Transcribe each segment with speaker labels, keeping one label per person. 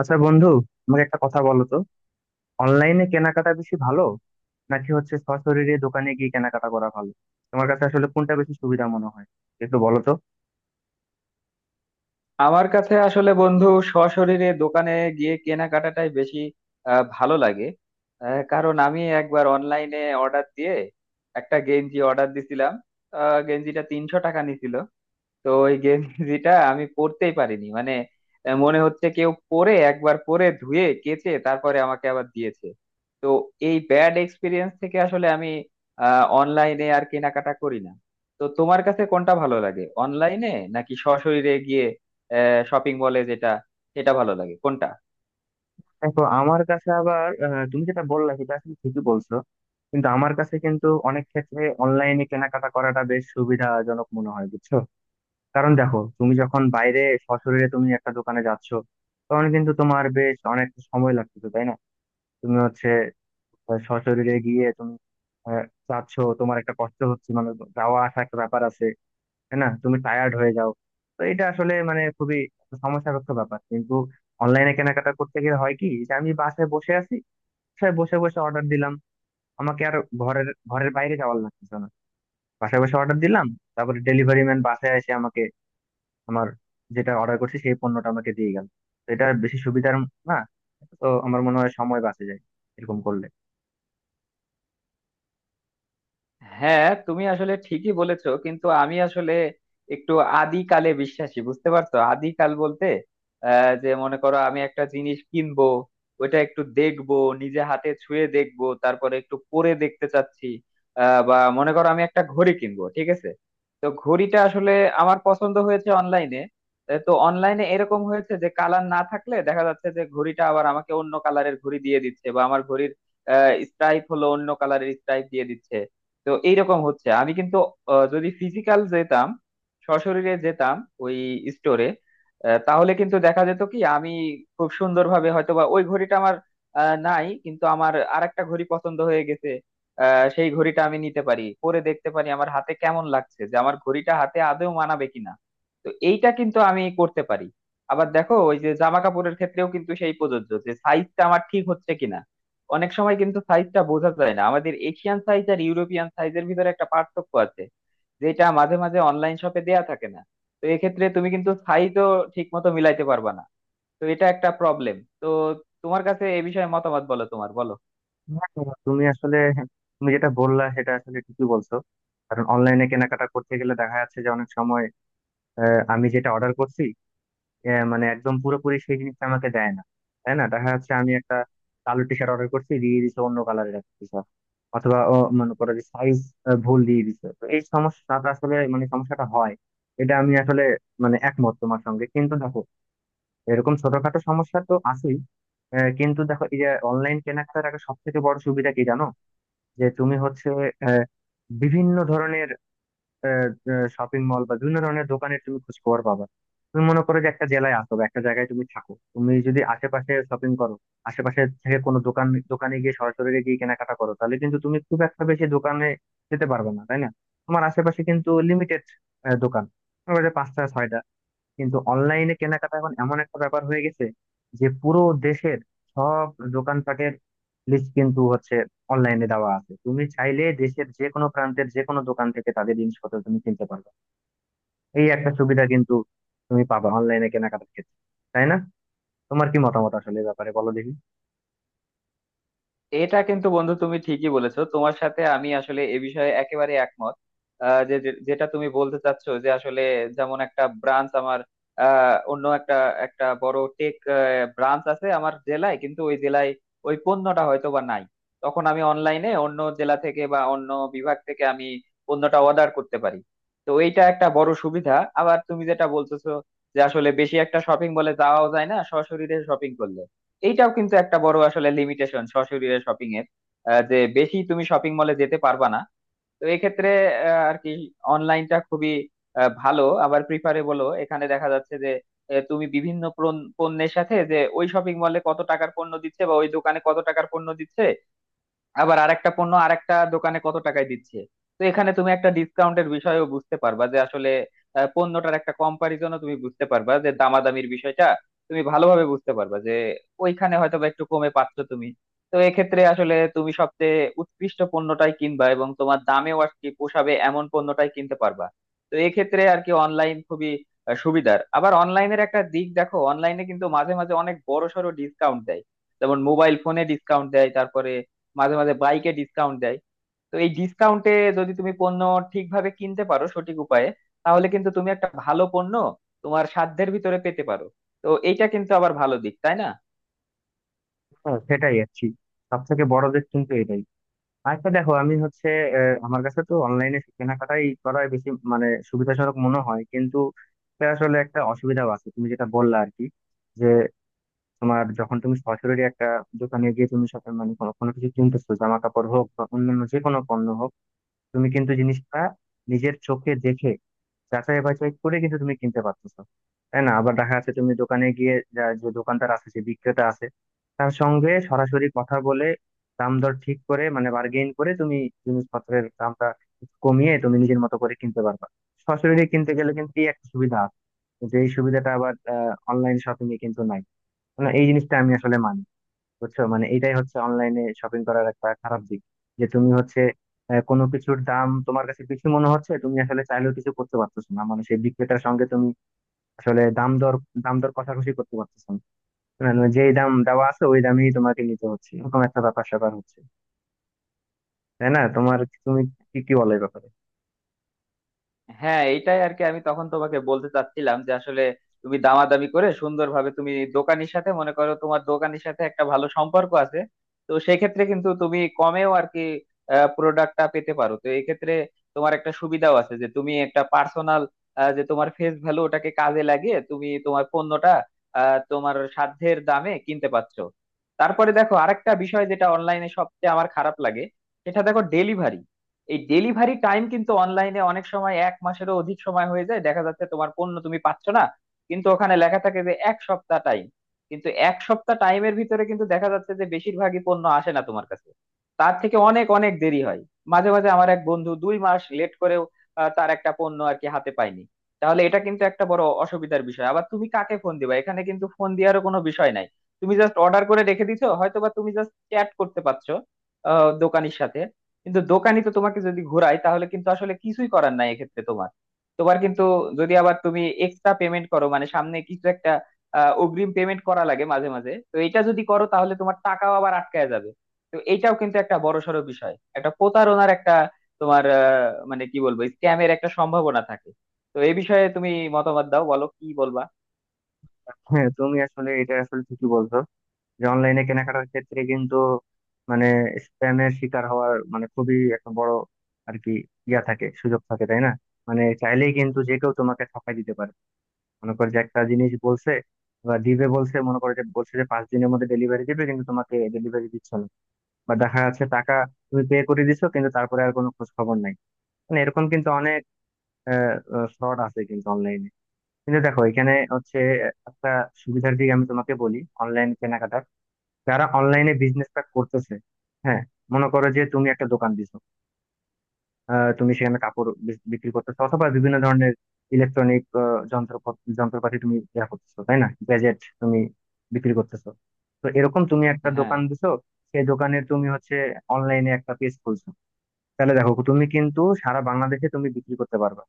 Speaker 1: আচ্ছা বন্ধু, আমাকে একটা কথা বলো তো। অনলাইনে কেনাকাটা বেশি ভালো নাকি হচ্ছে সশরীরে দোকানে গিয়ে কেনাকাটা করা ভালো? তোমার কাছে আসলে কোনটা বেশি সুবিধা মনে হয়, একটু বলো তো।
Speaker 2: আমার কাছে আসলে বন্ধু সশরীরে দোকানে গিয়ে কেনাকাটাটাই বেশি ভালো লাগে। কারণ আমি একবার অনলাইনে অর্ডার দিয়ে একটা গেঞ্জি অর্ডার দিছিলাম। গেঞ্জিটা 300 টাকা নিছিল। তো ওই গেঞ্জিটা আমি পরতেই পারিনি মানে মনে হচ্ছে কেউ পরে একবার পরে ধুয়ে কেচে তারপরে আমাকে আবার দিয়েছে। তো এই ব্যাড এক্সপিরিয়েন্স থেকে আসলে আমি অনলাইনে আর কেনাকাটা করি না। তো তোমার কাছে কোনটা ভালো লাগে, অনলাইনে নাকি সশরীরে গিয়ে শপিং মলে, যেটা সেটা ভালো লাগে কোনটা?
Speaker 1: দেখো, আমার কাছে আবার তুমি যেটা বললা সেটা আসলে ঠিকই বলছো, কিন্তু আমার কাছে কিন্তু অনেক ক্ষেত্রে অনলাইনে কেনাকাটা করাটা বেশ সুবিধাজনক মনে হয় বুঝছো। কারণ দেখো, তুমি যখন বাইরে সশরীরে তুমি একটা দোকানে যাচ্ছো, তখন কিন্তু তোমার বেশ অনেক সময় লাগতেছে, তাই না? তুমি হচ্ছে সশরীরে গিয়ে তুমি আহ, যাচ্ছ, তোমার একটা কষ্ট হচ্ছে, মানে যাওয়া আসা একটা ব্যাপার আছে, তাই না? তুমি টায়ার্ড হয়ে যাও। তো এটা আসলে মানে খুবই সমস্যাগ্রস্ত ব্যাপার। কিন্তু অনলাইনে কেনাকাটা করতে গেলে হয় কি, যে আমি বাসায় বসে আছি, বাসায় বসে বসে অর্ডার দিলাম, আমাকে আর ঘরের ঘরের বাইরে যাওয়ার লাগতেছে না। বাসায় বসে অর্ডার দিলাম, তারপরে ডেলিভারি ম্যান বাসায় এসে আমাকে আমার যেটা অর্ডার করছি সেই পণ্যটা আমাকে দিয়ে গেল। তো এটা বেশি সুবিধার না? তো আমার মনে হয় সময় বাঁচে যায় এরকম করলে।
Speaker 2: হ্যাঁ তুমি আসলে ঠিকই বলেছো, কিন্তু আমি আসলে একটু আদিকালে বিশ্বাসী, বুঝতে পারছো? আদিকাল বলতে যে মনে করো আমি একটা জিনিস কিনবো, ওইটা একটু দেখবো, নিজে হাতে ছুঁয়ে দেখবো, তারপরে একটু পরে দেখতে চাচ্ছি। বা মনে করো আমি একটা ঘড়ি কিনবো, ঠিক আছে। তো ঘড়িটা আসলে আমার পছন্দ হয়েছে অনলাইনে। তো অনলাইনে এরকম হয়েছে যে কালার না থাকলে দেখা যাচ্ছে যে ঘড়িটা আবার আমাকে অন্য কালারের ঘড়ি দিয়ে দিচ্ছে, বা আমার ঘড়ির স্ট্রাইপ হলো অন্য কালারের স্ট্রাইপ দিয়ে দিচ্ছে। তো এইরকম হচ্ছে। আমি কিন্তু যদি ফিজিক্যাল যেতাম, সশরীরে যেতাম ওই স্টোরে, তাহলে কিন্তু দেখা যেত কি আমি খুব সুন্দরভাবে হয়তো বা ওই ঘড়িটা আমার নাই, কিন্তু আমার আরেকটা ঘড়ি পছন্দ হয়ে গেছে। সেই ঘড়িটা আমি নিতে পারি, পরে দেখতে পারি আমার হাতে কেমন লাগছে, যে আমার ঘড়িটা হাতে আদৌ মানাবে কিনা। তো এইটা কিন্তু আমি করতে পারি। আবার দেখো ওই যে জামা কাপড়ের ক্ষেত্রেও কিন্তু সেই প্রযোজ্য, যে সাইজটা আমার ঠিক হচ্ছে কিনা। অনেক সময় কিন্তু সাইজটা বোঝা যায় না, আমাদের এশিয়ান সাইজ আর ইউরোপিয়ান সাইজের ভিতরে একটা পার্থক্য আছে, যেটা মাঝে মাঝে অনলাইন শপে দেয়া থাকে না। তো এক্ষেত্রে তুমি কিন্তু সাইজও ঠিক মতো মিলাইতে পারবা না। তো এটা একটা প্রবলেম। তো তোমার কাছে এ বিষয়ে মতামত বলো, তোমার বলো।
Speaker 1: হ্যাঁ, হ্যাঁ, তুমি আসলে হ্যাঁ, তুমি যেটা বললা সেটা আসলে ঠিকই বলছো। কারণ অনলাইনে কেনাকাটা করতে গেলে দেখা যাচ্ছে যে অনেক সময় আমি যেটা অর্ডার করছি মানে একদম পুরোপুরি সেই জিনিসটা আমাকে দেয় না, তাই না? দেখা যাচ্ছে আমি একটা কালো টি শার্ট অর্ডার করছি, দিয়ে দিচ্ছে অন্য কালারের একটা টি শার্ট, অথবা ও, মনে করো যে সাইজ ভুল দিয়ে দিচ্ছে। তো এই সমস্যাটা আসলে মানে সমস্যাটা হয়। এটা আমি আসলে মানে একমত তোমার সঙ্গে। কিন্তু দেখো, এরকম ছোটখাটো সমস্যা তো আছেই। কিন্তু দেখো, এই যে অনলাইন কেনাকাটার একটা সব থেকে বড় সুবিধা কি জানো, যে তুমি হচ্ছে আহ, বিভিন্ন ধরনের শপিং মল বা বিভিন্ন ধরনের দোকানের তুমি খোঁজ খবর পাবা। তুমি মনে করো যে একটা জেলায় আসো বা একটা জায়গায় তুমি থাকো, তুমি যদি আশেপাশে শপিং করো, আশেপাশে থেকে কোনো দোকান দোকানে গিয়ে সরাসরি গিয়ে কেনাকাটা করো, তাহলে কিন্তু তুমি খুব একটা বেশি দোকানে যেতে পারবে না, তাই না? তোমার আশেপাশে কিন্তু লিমিটেড দোকান, তোমার কাছে পাঁচটা ছয়টা। কিন্তু অনলাইনে কেনাকাটা এখন এমন একটা ব্যাপার হয়ে গেছে, যে পুরো দেশের সব দোকানপাটের লিস্ট কিন্তু হচ্ছে অনলাইনে দেওয়া আছে। তুমি চাইলে দেশের যে কোনো প্রান্তের যে কোনো দোকান থেকে তাদের জিনিসপত্র তুমি কিনতে পারবে। এই একটা সুবিধা কিন্তু তুমি পাবা অনলাইনে কেনাকাটার ক্ষেত্রে, তাই না? তোমার কি মতামত আসলে এ ব্যাপারে, বলো দেখি।
Speaker 2: এটা কিন্তু বন্ধু তুমি ঠিকই বলেছো, তোমার সাথে আমি আসলে এ বিষয়ে একেবারে একমত। যে যে- যেটা তুমি বলতে চাচ্ছ যে আসলে যেমন একটা ব্রাঞ্চ আমার অন্য একটা একটা বড় টেক ব্রাঞ্চ আছে আমার জেলায়, কিন্তু ওই জেলায় ওই পণ্যটা হয়তো বা নাই। তখন আমি অনলাইনে অন্য জেলা থেকে বা অন্য বিভাগ থেকে আমি পণ্যটা অর্ডার করতে পারি। তো এইটা একটা বড় সুবিধা। আবার তুমি যেটা বলতেছো যে আসলে বেশি একটা শপিং মলে যাওয়াও যায় না সশরীরে শপিং করলে, এইটাও কিন্তু একটা বড় আসলে লিমিটেশন সশরীরে শপিং এর। যে বেশি তুমি শপিং মলে যেতে পারবা না। তো এক্ষেত্রে আর কি অনলাইনটা খুবই ভালো, আবার প্রিফারেবলও। এখানে দেখা যাচ্ছে যে তুমি বিভিন্ন পণ্যের সাথে, যে ওই শপিং মলে কত টাকার পণ্য দিচ্ছে বা ওই দোকানে কত টাকার পণ্য দিচ্ছে, আবার আরেকটা পণ্য আরেকটা দোকানে কত টাকায় দিচ্ছে। তো এখানে তুমি একটা ডিসকাউন্টের বিষয়ও বুঝতে পারবা যে আসলে পণ্যটার একটা কম্পারিজনও তুমি বুঝতে পারবা, যে দামাদামির বিষয়টা তুমি ভালোভাবে বুঝতে পারবা যে ওইখানে হয়তো বা একটু কমে পাচ্ছ তুমি। তো এক্ষেত্রে আসলে তুমি সবচেয়ে উৎকৃষ্ট পণ্যটাই কিনবা, এবং তোমার দামেও আর কি পোষাবে এমন পণ্যটাই কিনতে পারবা। তো এক্ষেত্রে আর কি অনলাইন খুবই সুবিধার। আবার অনলাইনের একটা দিক দেখো, অনলাইনে কিন্তু মাঝে মাঝে অনেক বড় সড়ো ডিসকাউন্ট দেয়, যেমন মোবাইল ফোনে ডিসকাউন্ট দেয়, তারপরে মাঝে মাঝে বাইকে ডিসকাউন্ট দেয়। তো এই ডিসকাউন্টে যদি তুমি পণ্য ঠিকভাবে কিনতে পারো সঠিক উপায়ে, তাহলে কিন্তু তুমি একটা ভালো পণ্য তোমার সাধ্যের ভিতরে পেতে পারো। তো এইটা কিন্তু আবার ভালো দিক, তাই না?
Speaker 1: হ্যাঁ, সেটাই আর কি, সব থেকে বড় দিক কিন্তু এটাই। আচ্ছা দেখো, আমি হচ্ছে আমার কাছে তো অনলাইনে কেনাকাটাই করাই বেশি মানে সুবিধাজনক মনে হয়। কিন্তু এটা আসলে একটা অসুবিধাও আছে তুমি যেটা বললা আর কি, যে তোমার যখন তুমি সরাসরি একটা দোকানে গিয়ে তুমি সাথে মানে কোনো কোনো কিছু কিনতেছো, জামা কাপড় হোক বা অন্যান্য যে কোনো পণ্য হোক, তুমি কিন্তু জিনিসটা নিজের চোখে দেখে যাচাই বাছাই করে কিন্তু তুমি কিনতে পারতেছো, তাই না? আবার দেখা যাচ্ছে তুমি দোকানে গিয়ে যে দোকানদার আছে, যে বিক্রেতা আছে, তার সঙ্গে সরাসরি কথা বলে দাম দর ঠিক করে মানে বার্গেইন করে তুমি জিনিসপত্রের দামটা একটু কমিয়ে তুমি নিজের মতো করে কিনতে পারবা। সরাসরি কিনতে গেলে কিন্তু এই একটা সুবিধা আছে, যে এই সুবিধাটা আবার অনলাইন শপিং এ কিন্তু নাই। মানে এই জিনিসটা আমি আসলে মানি, বুঝছো। মানে এটাই হচ্ছে অনলাইনে শপিং করার একটা খারাপ দিক, যে তুমি হচ্ছে কোনো কিছুর দাম তোমার কাছে বেশি মনে হচ্ছে, তুমি আসলে চাইলেও কিছু করতে পারতেছো না, মানে সেই বিক্রেতার সঙ্গে তুমি আসলে দাম দর কষাকষি করতে পারতেছো না। মানে যেই দাম দেওয়া আছে ওই দামেই তোমাকে নিতে হচ্ছে, এরকম একটা ব্যাপার স্যাপার হচ্ছে, তাই না? তোমার তুমি কি কি বলো এই ব্যাপারে?
Speaker 2: হ্যাঁ এইটাই আর কি আমি তখন তোমাকে বলতে চাচ্ছিলাম, যে আসলে তুমি দামাদামি করে সুন্দরভাবে তুমি দোকানের সাথে, মনে করো তোমার দোকানের সাথে একটা ভালো সম্পর্ক আছে, তো সেক্ষেত্রে কিন্তু তুমি কমেও আর কি প্রোডাক্টটা পেতে পারো। তো এই ক্ষেত্রে তোমার একটা সুবিধাও আছে, যে তুমি একটা পার্সোনাল, যে তোমার ফেস ভ্যালু ওটাকে কাজে লাগিয়ে তুমি তোমার পণ্যটা তোমার সাধ্যের দামে কিনতে পারছো। তারপরে দেখো আরেকটা বিষয় যেটা অনলাইনে সবচেয়ে আমার খারাপ লাগে, সেটা দেখো ডেলিভারি। এই ডেলিভারি টাইম কিন্তু অনলাইনে অনেক সময় এক মাসেরও অধিক সময় হয়ে যায়, দেখা যাচ্ছে তোমার পণ্য তুমি পাচ্ছ না, কিন্তু ওখানে লেখা থাকে যে এক সপ্তাহ টাইম। কিন্তু এক সপ্তাহ টাইমের ভিতরে কিন্তু দেখা যাচ্ছে যে বেশিরভাগই পণ্য আসে না তোমার কাছে, তার থেকে অনেক অনেক দেরি হয়। মাঝে মাঝে আমার এক বন্ধু 2 মাস লেট করেও তার একটা পণ্য আর কি হাতে পায়নি। তাহলে এটা কিন্তু একটা বড় অসুবিধার বিষয়। আবার তুমি কাকে ফোন দিবা, এখানে কিন্তু ফোন দেওয়ারও কোনো বিষয় নাই। তুমি জাস্ট অর্ডার করে রেখে দিছো, হয়তোবা তুমি জাস্ট চ্যাট করতে পারছো দোকানির সাথে। কিন্তু দোকানি তো তোমাকে যদি ঘোরায় তাহলে কিন্তু আসলে কিছুই করার নাই এক্ষেত্রে তোমার। তোমার কিন্তু যদি আবার তুমি এক্সট্রা পেমেন্ট করো, মানে সামনে কিছু একটা অগ্রিম পেমেন্ট করা লাগে মাঝে মাঝে, তো এটা যদি করো তাহলে তোমার টাকাও আবার আটকায় যাবে। তো এটাও কিন্তু একটা বড়সড় বিষয়, একটা প্রতারণার একটা তোমার মানে কি বলবো, স্ক্যামের একটা সম্ভাবনা থাকে। তো এই বিষয়ে তুমি মতামত দাও, বলো কি বলবা।
Speaker 1: হ্যাঁ, তুমি আসলে এটা আসলে ঠিকই বলছো, যে অনলাইনে কেনাকাটার ক্ষেত্রে কিন্তু মানে স্প্যামের শিকার হওয়ার মানে খুবই একটা বড় আর কি ইয়া থাকে, সুযোগ থাকে, তাই না? মানে চাইলেই কিন্তু যে কেউ তোমাকে ঠকাই দিতে পারে। মনে করো যে একটা জিনিস বলছে বা দিবে বলছে, মনে করো যে বলছে যে 5 দিনের মধ্যে ডেলিভারি দিবে, কিন্তু তোমাকে ডেলিভারি দিচ্ছে না। বা দেখা যাচ্ছে টাকা তুমি পে করে দিছো কিন্তু তারপরে আর কোনো খোঁজ খবর নাই। মানে এরকম কিন্তু অনেক ফ্রড আছে কিন্তু অনলাইনে। কিন্তু দেখো, এখানে হচ্ছে একটা সুবিধার দিক আমি তোমাকে বলি। অনলাইন কেনাকাটা যারা অনলাইনে বিজনেসটা করতেছে, হ্যাঁ, মনে করো যে তুমি একটা দোকান দিছো, তুমি সেখানে কাপড় বিক্রি করতেছো অথবা বিভিন্ন ধরনের ইলেকট্রনিক যন্ত্র যন্ত্রপাতি তুমি ইয়া করতেছো, তাই না, গ্যাজেট তুমি বিক্রি করতেছো। তো এরকম তুমি একটা
Speaker 2: হ্যাঁ,
Speaker 1: দোকান দিছো, সেই দোকানে তুমি হচ্ছে অনলাইনে একটা পেজ খুলছো। তাহলে দেখো, তুমি কিন্তু সারা বাংলাদেশে তুমি বিক্রি করতে পারবে।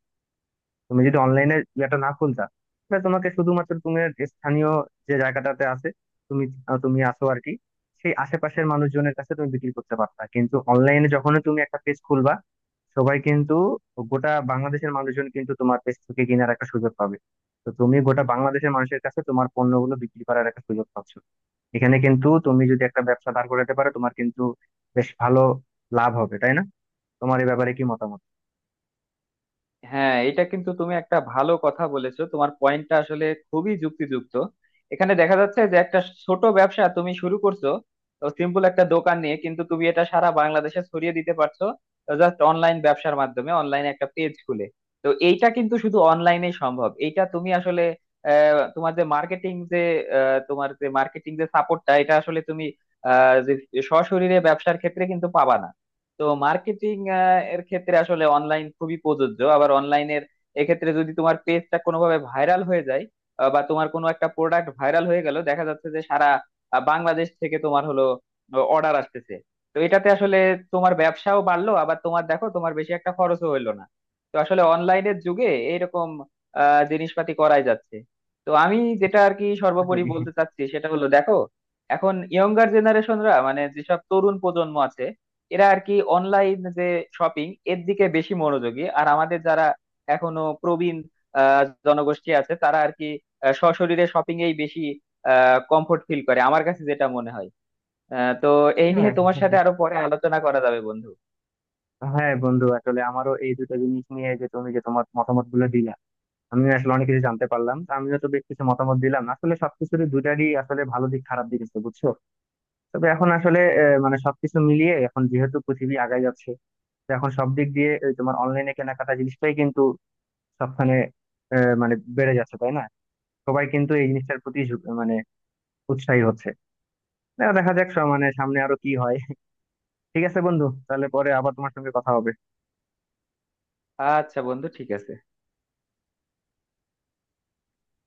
Speaker 1: তুমি যদি অনলাইনে ইয়েটা না খুলতা, তাহলে তোমাকে শুধুমাত্র তুমি স্থানীয় যে জায়গাটাতে আছে তুমি তুমি আছো আর কি, সেই আশেপাশের মানুষজনের কাছে তুমি বিক্রি করতে পারতা। কিন্তু অনলাইনে যখন তুমি একটা পেজ খুলবা, সবাই কিন্তু, গোটা বাংলাদেশের মানুষজন কিন্তু তোমার পেজ থেকে কেনার একটা সুযোগ পাবে। তো তুমি গোটা বাংলাদেশের মানুষের কাছে তোমার পণ্যগুলো বিক্রি করার একটা সুযোগ পাচ্ছ। এখানে কিন্তু তুমি যদি একটা ব্যবসা দাঁড় করাতে পারো, তোমার কিন্তু বেশ ভালো লাভ হবে, তাই না? তোমার এই ব্যাপারে কি মতামত?
Speaker 2: হ্যাঁ, এটা কিন্তু তুমি একটা ভালো কথা বলেছো, তোমার পয়েন্টটা আসলে খুবই যুক্তিযুক্ত। এখানে দেখা যাচ্ছে যে একটা ছোট ব্যবসা তুমি শুরু করছো সিম্পল একটা দোকান নিয়ে, কিন্তু তুমি এটা সারা বাংলাদেশে ছড়িয়ে দিতে পারছো জাস্ট অনলাইন ব্যবসার মাধ্যমে, অনলাইনে একটা পেজ খুলে। তো এইটা কিন্তু শুধু অনলাইনে সম্ভব। এইটা তুমি আসলে আহ, তোমার যে মার্কেটিং যে আহ, তোমার যে মার্কেটিং যে সাপোর্টটা, এটা আসলে তুমি আহ, যে সশরীরে ব্যবসার ক্ষেত্রে কিন্তু পাবা না। তো মার্কেটিং এর ক্ষেত্রে আসলে অনলাইন খুবই প্রযোজ্য। আবার অনলাইনের এক্ষেত্রে যদি তোমার পেজটা কোনোভাবে ভাইরাল হয়ে যায় বা তোমার কোনো একটা প্রোডাক্ট ভাইরাল হয়ে গেল, দেখা যাচ্ছে যে সারা বাংলাদেশ থেকে তোমার হলো অর্ডার আসতেছে। তো এটাতে আসলে তোমার ব্যবসাও বাড়লো, আবার তোমার দেখো তোমার বেশি একটা খরচও হইলো না। তো আসলে অনলাইনের যুগে এইরকম জিনিসপাতি করাই যাচ্ছে। তো আমি যেটা আর কি সর্বোপরি বলতে চাচ্ছি সেটা হলো দেখো, এখন ইয়ঙ্গার জেনারেশনরা, মানে যেসব তরুণ প্রজন্ম আছে, এরা আর কি অনলাইন যে শপিং এর দিকে বেশি মনোযোগী। আর আমাদের যারা এখনো প্রবীণ আহ, জনগোষ্ঠী আছে, তারা আর কি সশরীরে শপিং এই বেশি কমফোর্ট ফিল করে, আমার কাছে যেটা মনে হয়। তো এই নিয়ে
Speaker 1: হ্যাঁ,
Speaker 2: তোমার সাথে আরো পরে আলোচনা করা যাবে বন্ধু।
Speaker 1: হ্যাঁ বন্ধু, আসলে আমারও এই দুটো জিনিস নিয়ে যে তুমি যে তোমার মতামত গুলো দিলা, আমি আসলে অনেক কিছু জানতে পারলাম। তো আমিও তো বেশ কিছু মতামত দিলাম। আসলে সবকিছুর দুটারই আসলে ভালো দিক খারাপ দিক আছে বুঝছো। তবে এখন আসলে মানে সবকিছু মিলিয়ে এখন যেহেতু পৃথিবী আগায় যাচ্ছে, তো এখন সব দিক দিয়ে এই তোমার অনলাইনে কেনাকাটা জিনিসটাই কিন্তু সবখানে মানে বেড়ে যাচ্ছে, তাই না? সবাই কিন্তু এই জিনিসটার প্রতি মানে উৎসাহী হচ্ছে। দেখা দেখা যাক মানে সামনে আরো কি হয়। ঠিক আছে বন্ধু, তাহলে পরে আবার তোমার সঙ্গে কথা হবে।
Speaker 2: আচ্ছা বন্ধু, ঠিক আছে।